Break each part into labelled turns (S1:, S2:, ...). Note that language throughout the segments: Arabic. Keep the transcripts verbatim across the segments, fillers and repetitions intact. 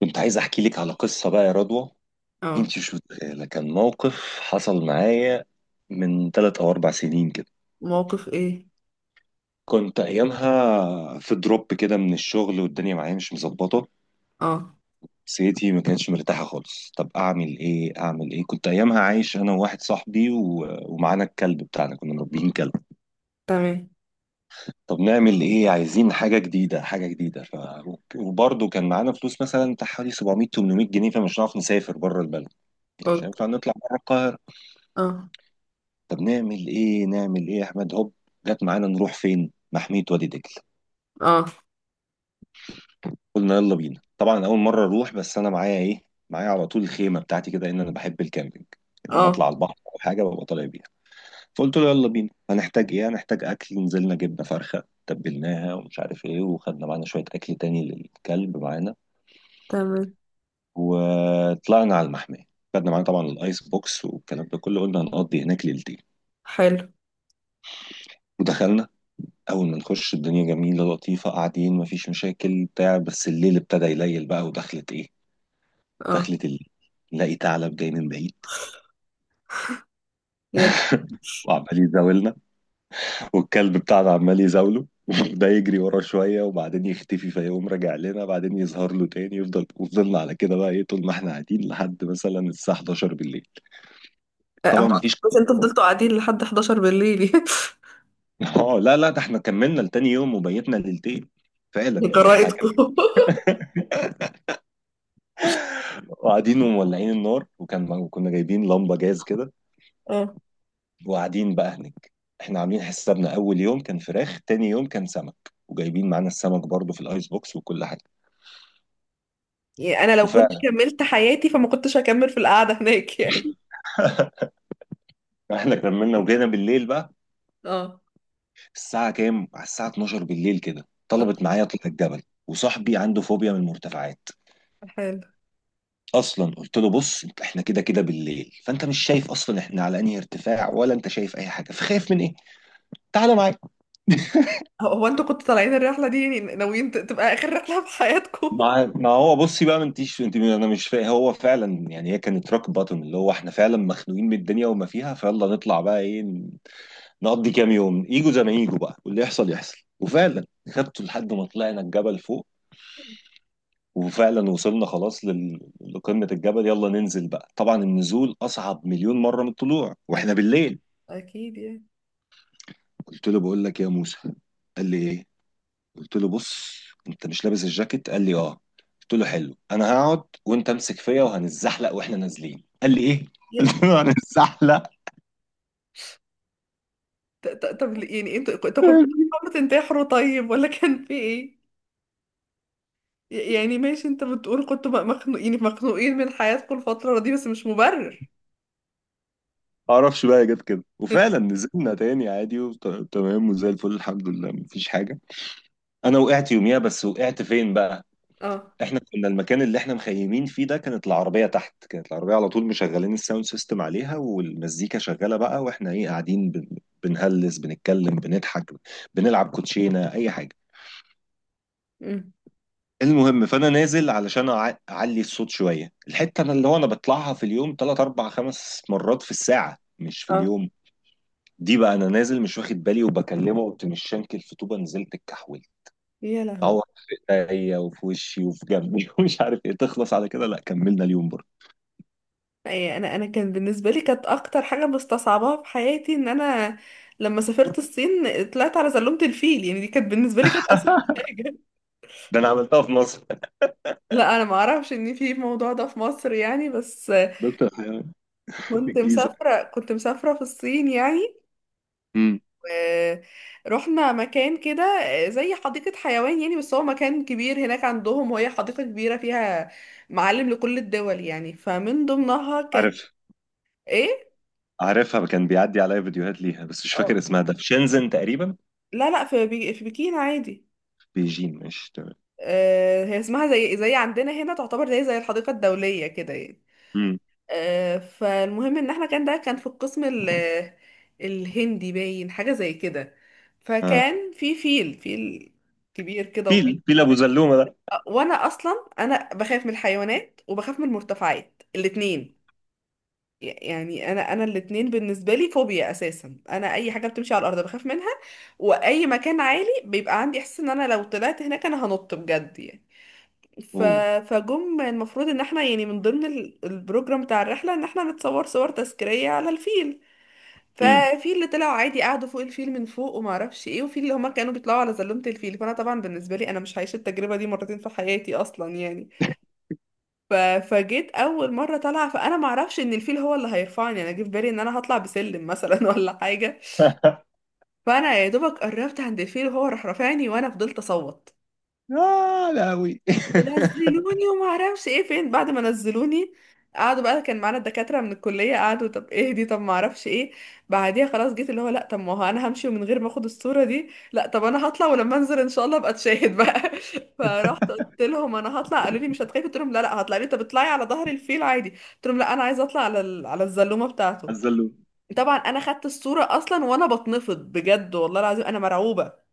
S1: كنت عايز احكي لك على قصه بقى يا رضوى.
S2: اه.
S1: انت مش متخيله، كان موقف حصل معايا من ثلاث او اربع سنين كده.
S2: موقف ايه؟
S1: كنت ايامها في دروب كده من الشغل والدنيا معايا مش مظبطه،
S2: اه.
S1: نفسيتي ما كانتش مرتاحه خالص. طب اعمل ايه اعمل ايه؟ كنت ايامها عايش انا وواحد صاحبي و... ومعانا الكلب بتاعنا، كنا مربيين كلب.
S2: تمام.
S1: طب نعمل ايه؟ عايزين حاجه جديده حاجه جديده ف... وبرضه كان معانا فلوس مثلا بتاع حوالي سبعمئة تمنمية جنيه، فمش هنعرف نسافر بره البلد، يعني مش
S2: اوكي.
S1: هينفع نطلع بره.
S2: اه.
S1: طب نعمل ايه نعمل ايه يا احمد؟ هوب، جت معانا نروح فين؟ محمية وادي دجلة.
S2: اه.
S1: قلنا يلا بينا، طبعا اول مرة اروح بس انا معايا ايه؟ معايا على طول الخيمة بتاعتي كده، ان انا بحب الكامبينج، لما
S2: اه.
S1: اطلع على البحر او حاجة ببقى طالع بيها. فقلت له يلا بينا، هنحتاج ايه؟ هنحتاج اكل. نزلنا جبنا فرخة تبلناها ومش عارف ايه، وخدنا معانا شوية اكل تاني للكلب معانا.
S2: تمام.
S1: وطلعنا على المحمية، خدنا معانا طبعا الايس بوكس والكلام ده كله، قلنا هنقضي هناك ليلتين.
S2: حلو.
S1: ودخلنا، اول ما نخش الدنيا جميله لطيفه، قاعدين مفيش مشاكل بتاع. بس الليل ابتدى يليل بقى، ودخلت ايه،
S2: اه.
S1: دخلت الليل، نلاقي ثعلب جاي من بعيد
S2: يلا.
S1: وعمال يزاولنا. والكلب بتاعنا عمال يزاوله. ده يجري ورا شويه وبعدين يختفي، فيقوم راجع لنا بعدين يظهر له تاني، يفضل وفضلنا على كده بقى ايه، طول ما احنا قاعدين لحد مثلا الساعه حداشر بالليل.
S2: آه،
S1: طبعا
S2: هو
S1: مفيش
S2: بس انتوا فضلتوا قاعدين لحد حداشر بالليل؟
S1: اه لا لا، ده احنا كملنا لتاني يوم وبيتنا ليلتين، فعلا يعني احنا كملنا.
S2: لجرائدكم.
S1: وقاعدين ومولعين النار، وكان وكنا جايبين لمبه جاز كده،
S2: اه،
S1: وقاعدين بقى هناك. احنا عاملين حسابنا اول يوم كان فراخ، تاني يوم كان سمك، وجايبين معانا السمك برضو في الايس بوكس وكل حاجه.
S2: يعني انا لو كنت
S1: وفعلا
S2: كملت حياتي فما كنتش هكمل في القعده هناك يعني.
S1: احنا كملنا وجينا بالليل بقى
S2: اه.
S1: الساعه كام، على الساعه اتناشر بالليل كده،
S2: آه،
S1: طلبت معايا اطلع الجبل. وصاحبي عنده فوبيا من المرتفعات.
S2: حلو.
S1: اصلا قلت له بص انت- احنا كده كده بالليل، فانت مش شايف اصلا احنا على انهي ارتفاع، ولا انت شايف اي حاجه، فخايف من ايه؟ تعالى معايا.
S2: هو هو انتوا كنتوا طالعين الرحله دي يعني ناويين ت- تبقى اخر رحله في حياتكم؟
S1: ما ما هو بصي بقى، ما انتيش انت، انا مش فاهم، هو فعلا يعني هي كانت روك باتون، اللي هو احنا فعلا مخنوقين من الدنيا وما فيها، فيلا نطلع بقى ايه، نقضي كام يوم، ايجو زي ما ايجو بقى، واللي يحصل يحصل. وفعلا خدته لحد ما طلعنا الجبل فوق. وفعلا وصلنا خلاص لل... لقمة الجبل، يلا ننزل بقى. طبعا النزول اصعب مليون مرة من الطلوع واحنا
S2: اكيد.
S1: بالليل.
S2: اكيد يعني.
S1: قلت له بقول لك يا موسى، قال لي ايه، قلت له بص انت مش لابس الجاكيت، قال لي اه، قلت له حلو، انا هقعد وانت امسك فيا وهنتزحلق واحنا نازلين، قال لي ايه
S2: يلا.
S1: قلت له هنتزحلق.
S2: ط- ط- طب يعني انتوا انتوا كنتوا بتحاولوا تنتحروا طيب؟ ولا كان في ايه؟ يعني ماشي، انت بتقول كنتوا بقى مخنوق يعني مخنوقين من حياتكم الفترة دي، بس مش مبرر.
S1: ما اعرفش بقى، جت كده وفعلا نزلنا تاني عادي وتمام وزي الفل الحمد لله، مفيش حاجه. انا وقعت يوميها، بس وقعت فين بقى؟
S2: اه.
S1: احنا كنا المكان اللي احنا مخيمين فيه ده كانت العربيه تحت، كانت العربيه على طول مشغلين الساوند سيستم عليها والمزيكا شغاله بقى، واحنا ايه قاعدين بن... بنهلس بنتكلم بنضحك بنلعب كوتشينه اي حاجه.
S2: امم.
S1: المهم فانا نازل علشان أع- اعلي الصوت شويه، الحته انا اللي هو انا بطلعها في اليوم تلات اربعه خمس مرات في الساعه مش في
S2: اه.
S1: اليوم. دي بقى انا نازل مش واخد بالي، وبكلمه قمت مش شانكل في طوبه، نزلت اتكحولت.
S2: يا لهوي.
S1: تعور في ايديا وفي وشي وفي جنبي ومش عارف ايه. تخلص على كده؟ لا، كملنا اليوم برضه.
S2: أي، انا انا كان بالنسبه لي كانت اكتر حاجه مستصعباها في حياتي ان انا لما سافرت الصين طلعت على زلومه الفيل. يعني دي كانت بالنسبه لي كانت اصعب حاجه.
S1: ده انا عملتها في مصر.
S2: لا، انا ما اعرفش ان في الموضوع ده في مصر يعني، بس
S1: دكتور حيوان في
S2: كنت
S1: الجيزه.
S2: مسافره، كنت مسافره في الصين يعني.
S1: امم.
S2: ورحنا مكان كده زي حديقة حيوان يعني، بس هو مكان كبير هناك عندهم، وهي حديقة كبيرة فيها معالم لكل الدول يعني، فمن ضمنها كان.
S1: عارف
S2: ايه.
S1: عارفها، كان بيعدي عليا فيديوهات ليها بس مش فاكر
S2: آه.
S1: اسمها، ده في شنزن تقريبا.
S2: لا لا، في بي... في بكين عادي.
S1: بيجين مش تمام؟
S2: آه، هي اسمها زي زي عندنا هنا، تعتبر زي زي الحديقة الدولية كده يعني.
S1: امم.
S2: آه، فالمهم ان احنا كان ده كان في القسم ال... الهندي باين حاجة زي كده.
S1: اه.
S2: فكان في فيل فيل كبير كده.
S1: فيل فيل ابو زلومه.
S2: وانا اصلا انا بخاف من الحيوانات وبخاف من المرتفعات الاتنين، يعني انا انا الاتنين بالنسبه لي فوبيا اساسا. انا اي حاجه بتمشي على الارض بخاف منها، واي مكان عالي بيبقى عندي احساس ان انا لو طلعت هناك انا هنط بجد يعني. ف...
S1: اوه.
S2: فجم المفروض ان احنا يعني من ضمن ال- البروجرام بتاع الرحله ان احنا نتصور صور تذكاريه على الفيل.
S1: امم.
S2: ففي اللي طلعوا عادي قعدوا فوق الفيل من فوق وما اعرفش ايه، وفي اللي هما كانوا بيطلعوا على زلومه الفيل. فانا طبعا بالنسبه لي انا مش هعيش التجربه دي مرتين في حياتي اصلا يعني. ف... فجيت اول مره طالعه، فانا ما اعرفش ان الفيل هو اللي هيرفعني. انا جه في بالي ان انا هطلع بسلم مثلا ولا حاجه. فانا يا دوبك قربت عند الفيل وهو راح رافعني، وانا فضلت اصوت
S1: آه لا أوي.
S2: ونزلوني وما اعرفش ايه فين بعد ما نزلوني. قعدوا بقى، كان معانا الدكاترة من الكلية، قعدوا طب ايه دي طب ما اعرفش ايه. بعديها خلاص جيت اللي هو لا، طب ما هو انا همشي ومن غير ما اخد الصورة دي؟ لا طب انا هطلع، ولما انزل ان شاء الله ابقى اتشاهد بقى. فرحت قلت لهم انا هطلع. قالوا لي مش هتخافي؟ قلت لهم لا لا، هطلع. لي طب اطلعي على ظهر الفيل عادي. قلت لهم لا، انا عايزه اطلع على ال- على الزلومة بتاعته.
S1: الزلوم.
S2: طبعا انا خدت الصورة اصلا وانا بتنفض بجد والله العظيم، انا مرعوبة.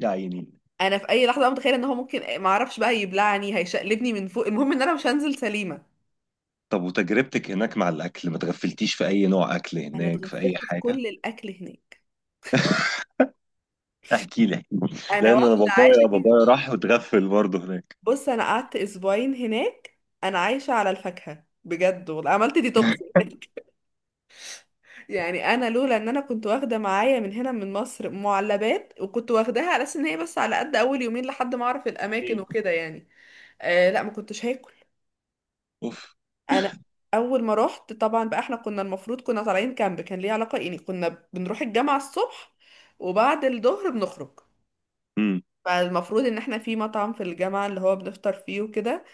S1: يا عيني.
S2: انا في اي لحظه بقى متخيله ان هو ممكن ما اعرفش بقى يبلعني، هيشقلبني من فوق. المهم ان انا مش هنزل سليمه.
S1: طب وتجربتك هناك مع الأكل، ما تغفلتيش في أي نوع أكل
S2: انا
S1: هناك في أي
S2: اتغفلت في
S1: حاجة؟
S2: كل الاكل هناك.
S1: احكي لي احكي لي.
S2: انا
S1: لأن أنا
S2: واحده عايشه
S1: بابايا
S2: كده.
S1: بابايا راح واتغفل برضه هناك.
S2: بص، انا قعدت اسبوعين هناك. انا عايشه على الفاكهه بجد والله، عملت ديتوكس هناك. يعني انا لولا ان انا كنت واخده معايا من هنا من مصر معلبات، وكنت واخداها على اساس ان هي بس على قد اول يومين لحد ما اعرف الاماكن
S1: إيه.
S2: وكده يعني، آه لا ما كنتش هاكل.
S1: أوف.
S2: انا اول ما رحت طبعا بقى، احنا كنا المفروض كنا طالعين كامب، كان ليه علاقة يعني، كنا بنروح الجامعة الصبح وبعد الظهر بنخرج.
S1: امم.
S2: فالمفروض ان احنا في مطعم في الجامعة اللي هو بنفطر فيه وكده.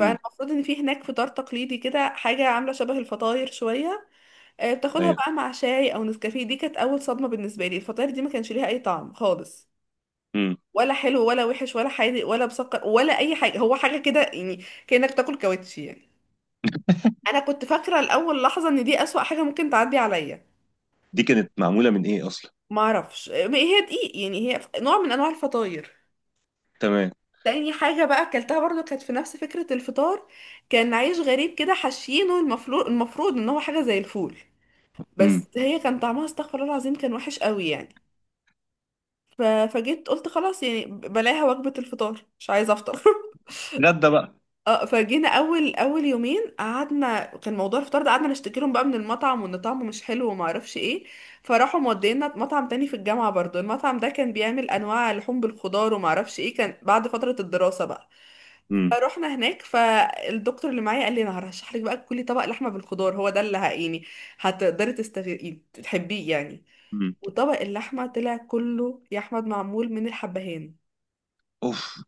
S1: امم.
S2: ان في هناك فطار تقليدي كده، حاجة عاملة شبه الفطاير شوية. آه، بتاخدها
S1: أيوه.
S2: بقى مع شاي او نسكافيه. دي كانت اول صدمة بالنسبة لي، الفطاير دي ما كانش ليها اي طعم خالص،
S1: امم.
S2: ولا حلو ولا وحش ولا حادق ولا مسكر ولا اي حاجة. هو حاجة كده يعني كأنك تاكل كاوتشي يعني. انا كنت فاكره الاول لحظه ان دي اسوأ حاجه ممكن تعدي عليا.
S1: دي كانت معمولة من إيه أصلا؟
S2: ما اعرفش، ما هي دقيق يعني، هي نوع من انواع الفطاير.
S1: تمام.
S2: تاني حاجه بقى اكلتها برضو كانت في نفس فكره الفطار. كان عيش غريب كده حشينه، المفروض المفروض ان هو حاجه زي الفول،
S1: امم.
S2: بس هي كان طعمها استغفر الله العظيم، كان وحش قوي يعني. ف- فجيت قلت خلاص يعني بلاها وجبه الفطار، مش عايزه افطر.
S1: غدا بقى.
S2: اه. فجينا اول اول يومين قعدنا كان موضوع الفطار ده، قعدنا نشتكي لهم بقى من المطعم وان طعمه مش حلو وما اعرفش ايه. فراحوا مودينا مطعم تاني في الجامعه برضو. المطعم ده كان بيعمل انواع لحوم بالخضار وما اعرفش ايه، كان بعد فتره الدراسه بقى.
S1: امم.
S2: فروحنا هناك، فالدكتور اللي معايا قال لي انا هرشح لك بقى، كلي طبق لحمه بالخضار، هو ده اللي ه- يعني هتقدري تستغ... تحبيه يعني.
S1: امم.
S2: وطبق اللحمه طلع كله يا احمد معمول من الحبهان.
S1: أوف.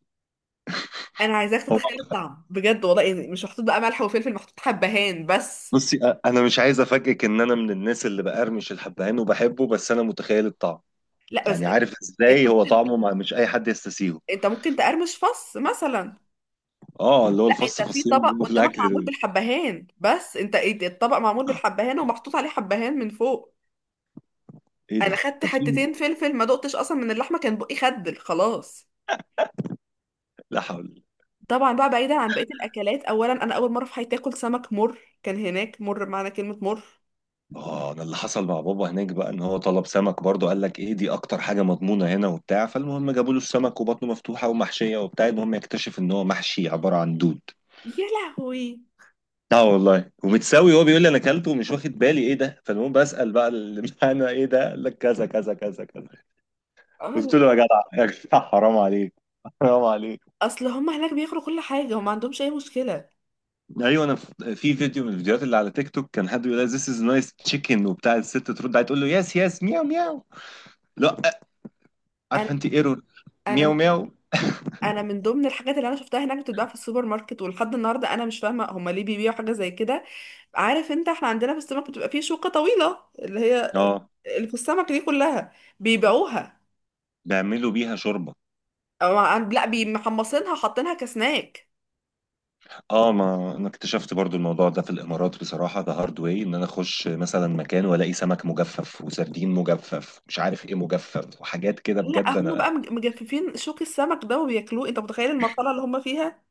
S2: انا عايزاك
S1: هو.
S2: تتخيل الطعم بجد والله، يعني مش محطوط بقى ملح وفلفل، محطوط حبهان بس.
S1: بصي، أ- أنا مش عايز أفاجئك إن أنا من الناس اللي بقرمش الحبهان وبحبه، بس أنا متخيل الطعم،
S2: لا بس
S1: يعني عارف
S2: انت
S1: ازاي هو
S2: ممكن
S1: طعمه، ما مش اي حد يستسيغه.
S2: انت ممكن تقرمش فص مثلا.
S1: اه، اللي هو
S2: لا، انت
S1: الفص
S2: في
S1: فصين اللي
S2: طبق
S1: بيبقوا في
S2: قدامك
S1: الاكل
S2: معمول
S1: دول.
S2: بالحبهان بس، انت إيه ده؟ الطبق معمول بالحبهان ومحطوط عليه حبهان من فوق.
S1: ايه
S2: انا
S1: ده؟
S2: خدت
S1: انت فين؟
S2: حتتين فلفل، ما دقتش اصلا من اللحمه، كان بقي خدل خلاص.
S1: لا حول.
S2: طبعا بقى بعيدا عن بقيه الاكلات، اولا انا اول مره في حياتي اكل سمك مر، كان هناك مر بمعنى كلمه مر.
S1: اه، انا اللي حصل مع بابا هناك بقى ان هو طلب سمك برضه، قال لك ايه دي اكتر حاجه مضمونه هنا وبتاع، فالمهم جابوا له السمك وبطنه مفتوحه ومحشيه وبتاع، المهم يكتشف ان هو محشي عباره عن دود.
S2: يا لهوي.
S1: اه والله، ومتساوي هو بيقول لي انا اكلته ومش واخد بالي ايه ده، فالمهم بسال بقى اللي معانا ايه ده، قال لك كذا كذا كذا كذا.
S2: آه،
S1: قلت له يا جدع يا جدع حرام عليك، حرام عليك.
S2: اصل هم هناك بياكلوا كل حاجه وما عندهمش اي مشكله.
S1: ايوه، انا في في فيديو من الفيديوهات اللي على تيك توك، كان حد بيقول لها this is nice chicken وبتاع، الست ترد عليه تقول له يس يس مياو مياو. لا، عارفه
S2: انا
S1: انت ايرور.
S2: انا
S1: مياو
S2: من-
S1: مياو.
S2: انا من ضمن الحاجات اللي انا شفتها هناك بتتباع في السوبر ماركت، ولحد النهارده انا مش فاهمه هما ليه بيبيعوا حاجه زي كده. عارف انت احنا عندنا في السمك بتبقى فيه شوكه طويله اللي هي
S1: اه،
S2: اللي في السمك دي كلها بيبيعوها.
S1: بيعملوا بيها شوربه.
S2: أو عن- لا، بيمحمصينها حاطينها كسناك.
S1: اه، ما انا اكتشفت برضو الموضوع ده في الامارات بصراحه، ده هارد واي ان انا اخش مثلا مكان والاقي سمك مجفف وسردين مجفف مش عارف ايه مجفف وحاجات كده،
S2: لا
S1: بجد
S2: هما
S1: انا.
S2: بقى مج- مجففين شوك السمك ده وبياكلوه. انت متخيل المرحله اللي هما فيها؟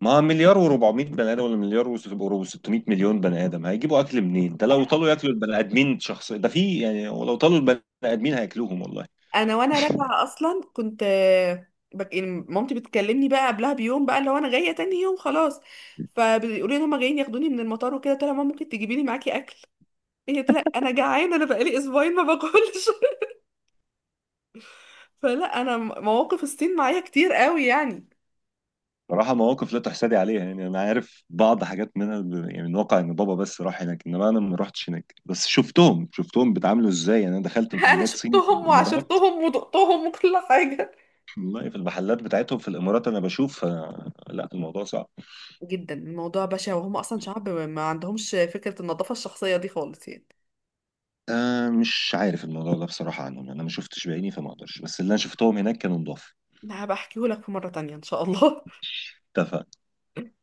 S1: ما مليار و400 بني ادم ولا مليار و600 مليون بني ادم هيجيبوا اكل منين؟ ده لو طالوا ياكلوا البني ادمين شخص ده في يعني، ولو طالوا البني ادمين هياكلوهم والله.
S2: انا وانا راجعه اصلا كنت آه، بك... يعني مامتي بتكلمني بقى قبلها بيوم بقى لو انا جايه تاني يوم خلاص. فبيقولوا لي ان هم جايين ياخدوني من المطار وكده، قلت لها ماما ممكن تجيبي لي معاكي اكل؟ هي قلت لها انا جعانه، انا بقالي اسبوعين ما باكلش. فلا انا م- مواقف الصين معايا كتير قوي يعني.
S1: صراحة مواقف لا تحسدي عليها يعني، أنا عارف بعض حاجات منها ب- يعني من واقع إن بابا بس راح هناك، إنما أنا ما رحتش هناك، بس شفتهم شفتهم بيتعاملوا إزاي. يعني أنا دخلت
S2: انا
S1: محلات صين في
S2: شفتهم
S1: الإمارات.
S2: وعاشرتهم ودقتهم وكل حاجه.
S1: والله في المحلات بتاعتهم في الإمارات أنا بشوف، آه لا الموضوع صعب.
S2: جدا الموضوع بشع، وهم اصلا شعب ما عندهمش فكره النظافه الشخصيه دي خالص يعني.
S1: آه مش عارف الموضوع ده بصراحة عنهم، يعني أنا ما شفتش بعيني فما أقدرش، بس اللي أنا شفتهم هناك كانوا نضاف
S2: لا بحكيهولك في مره تانية ان شاء الله.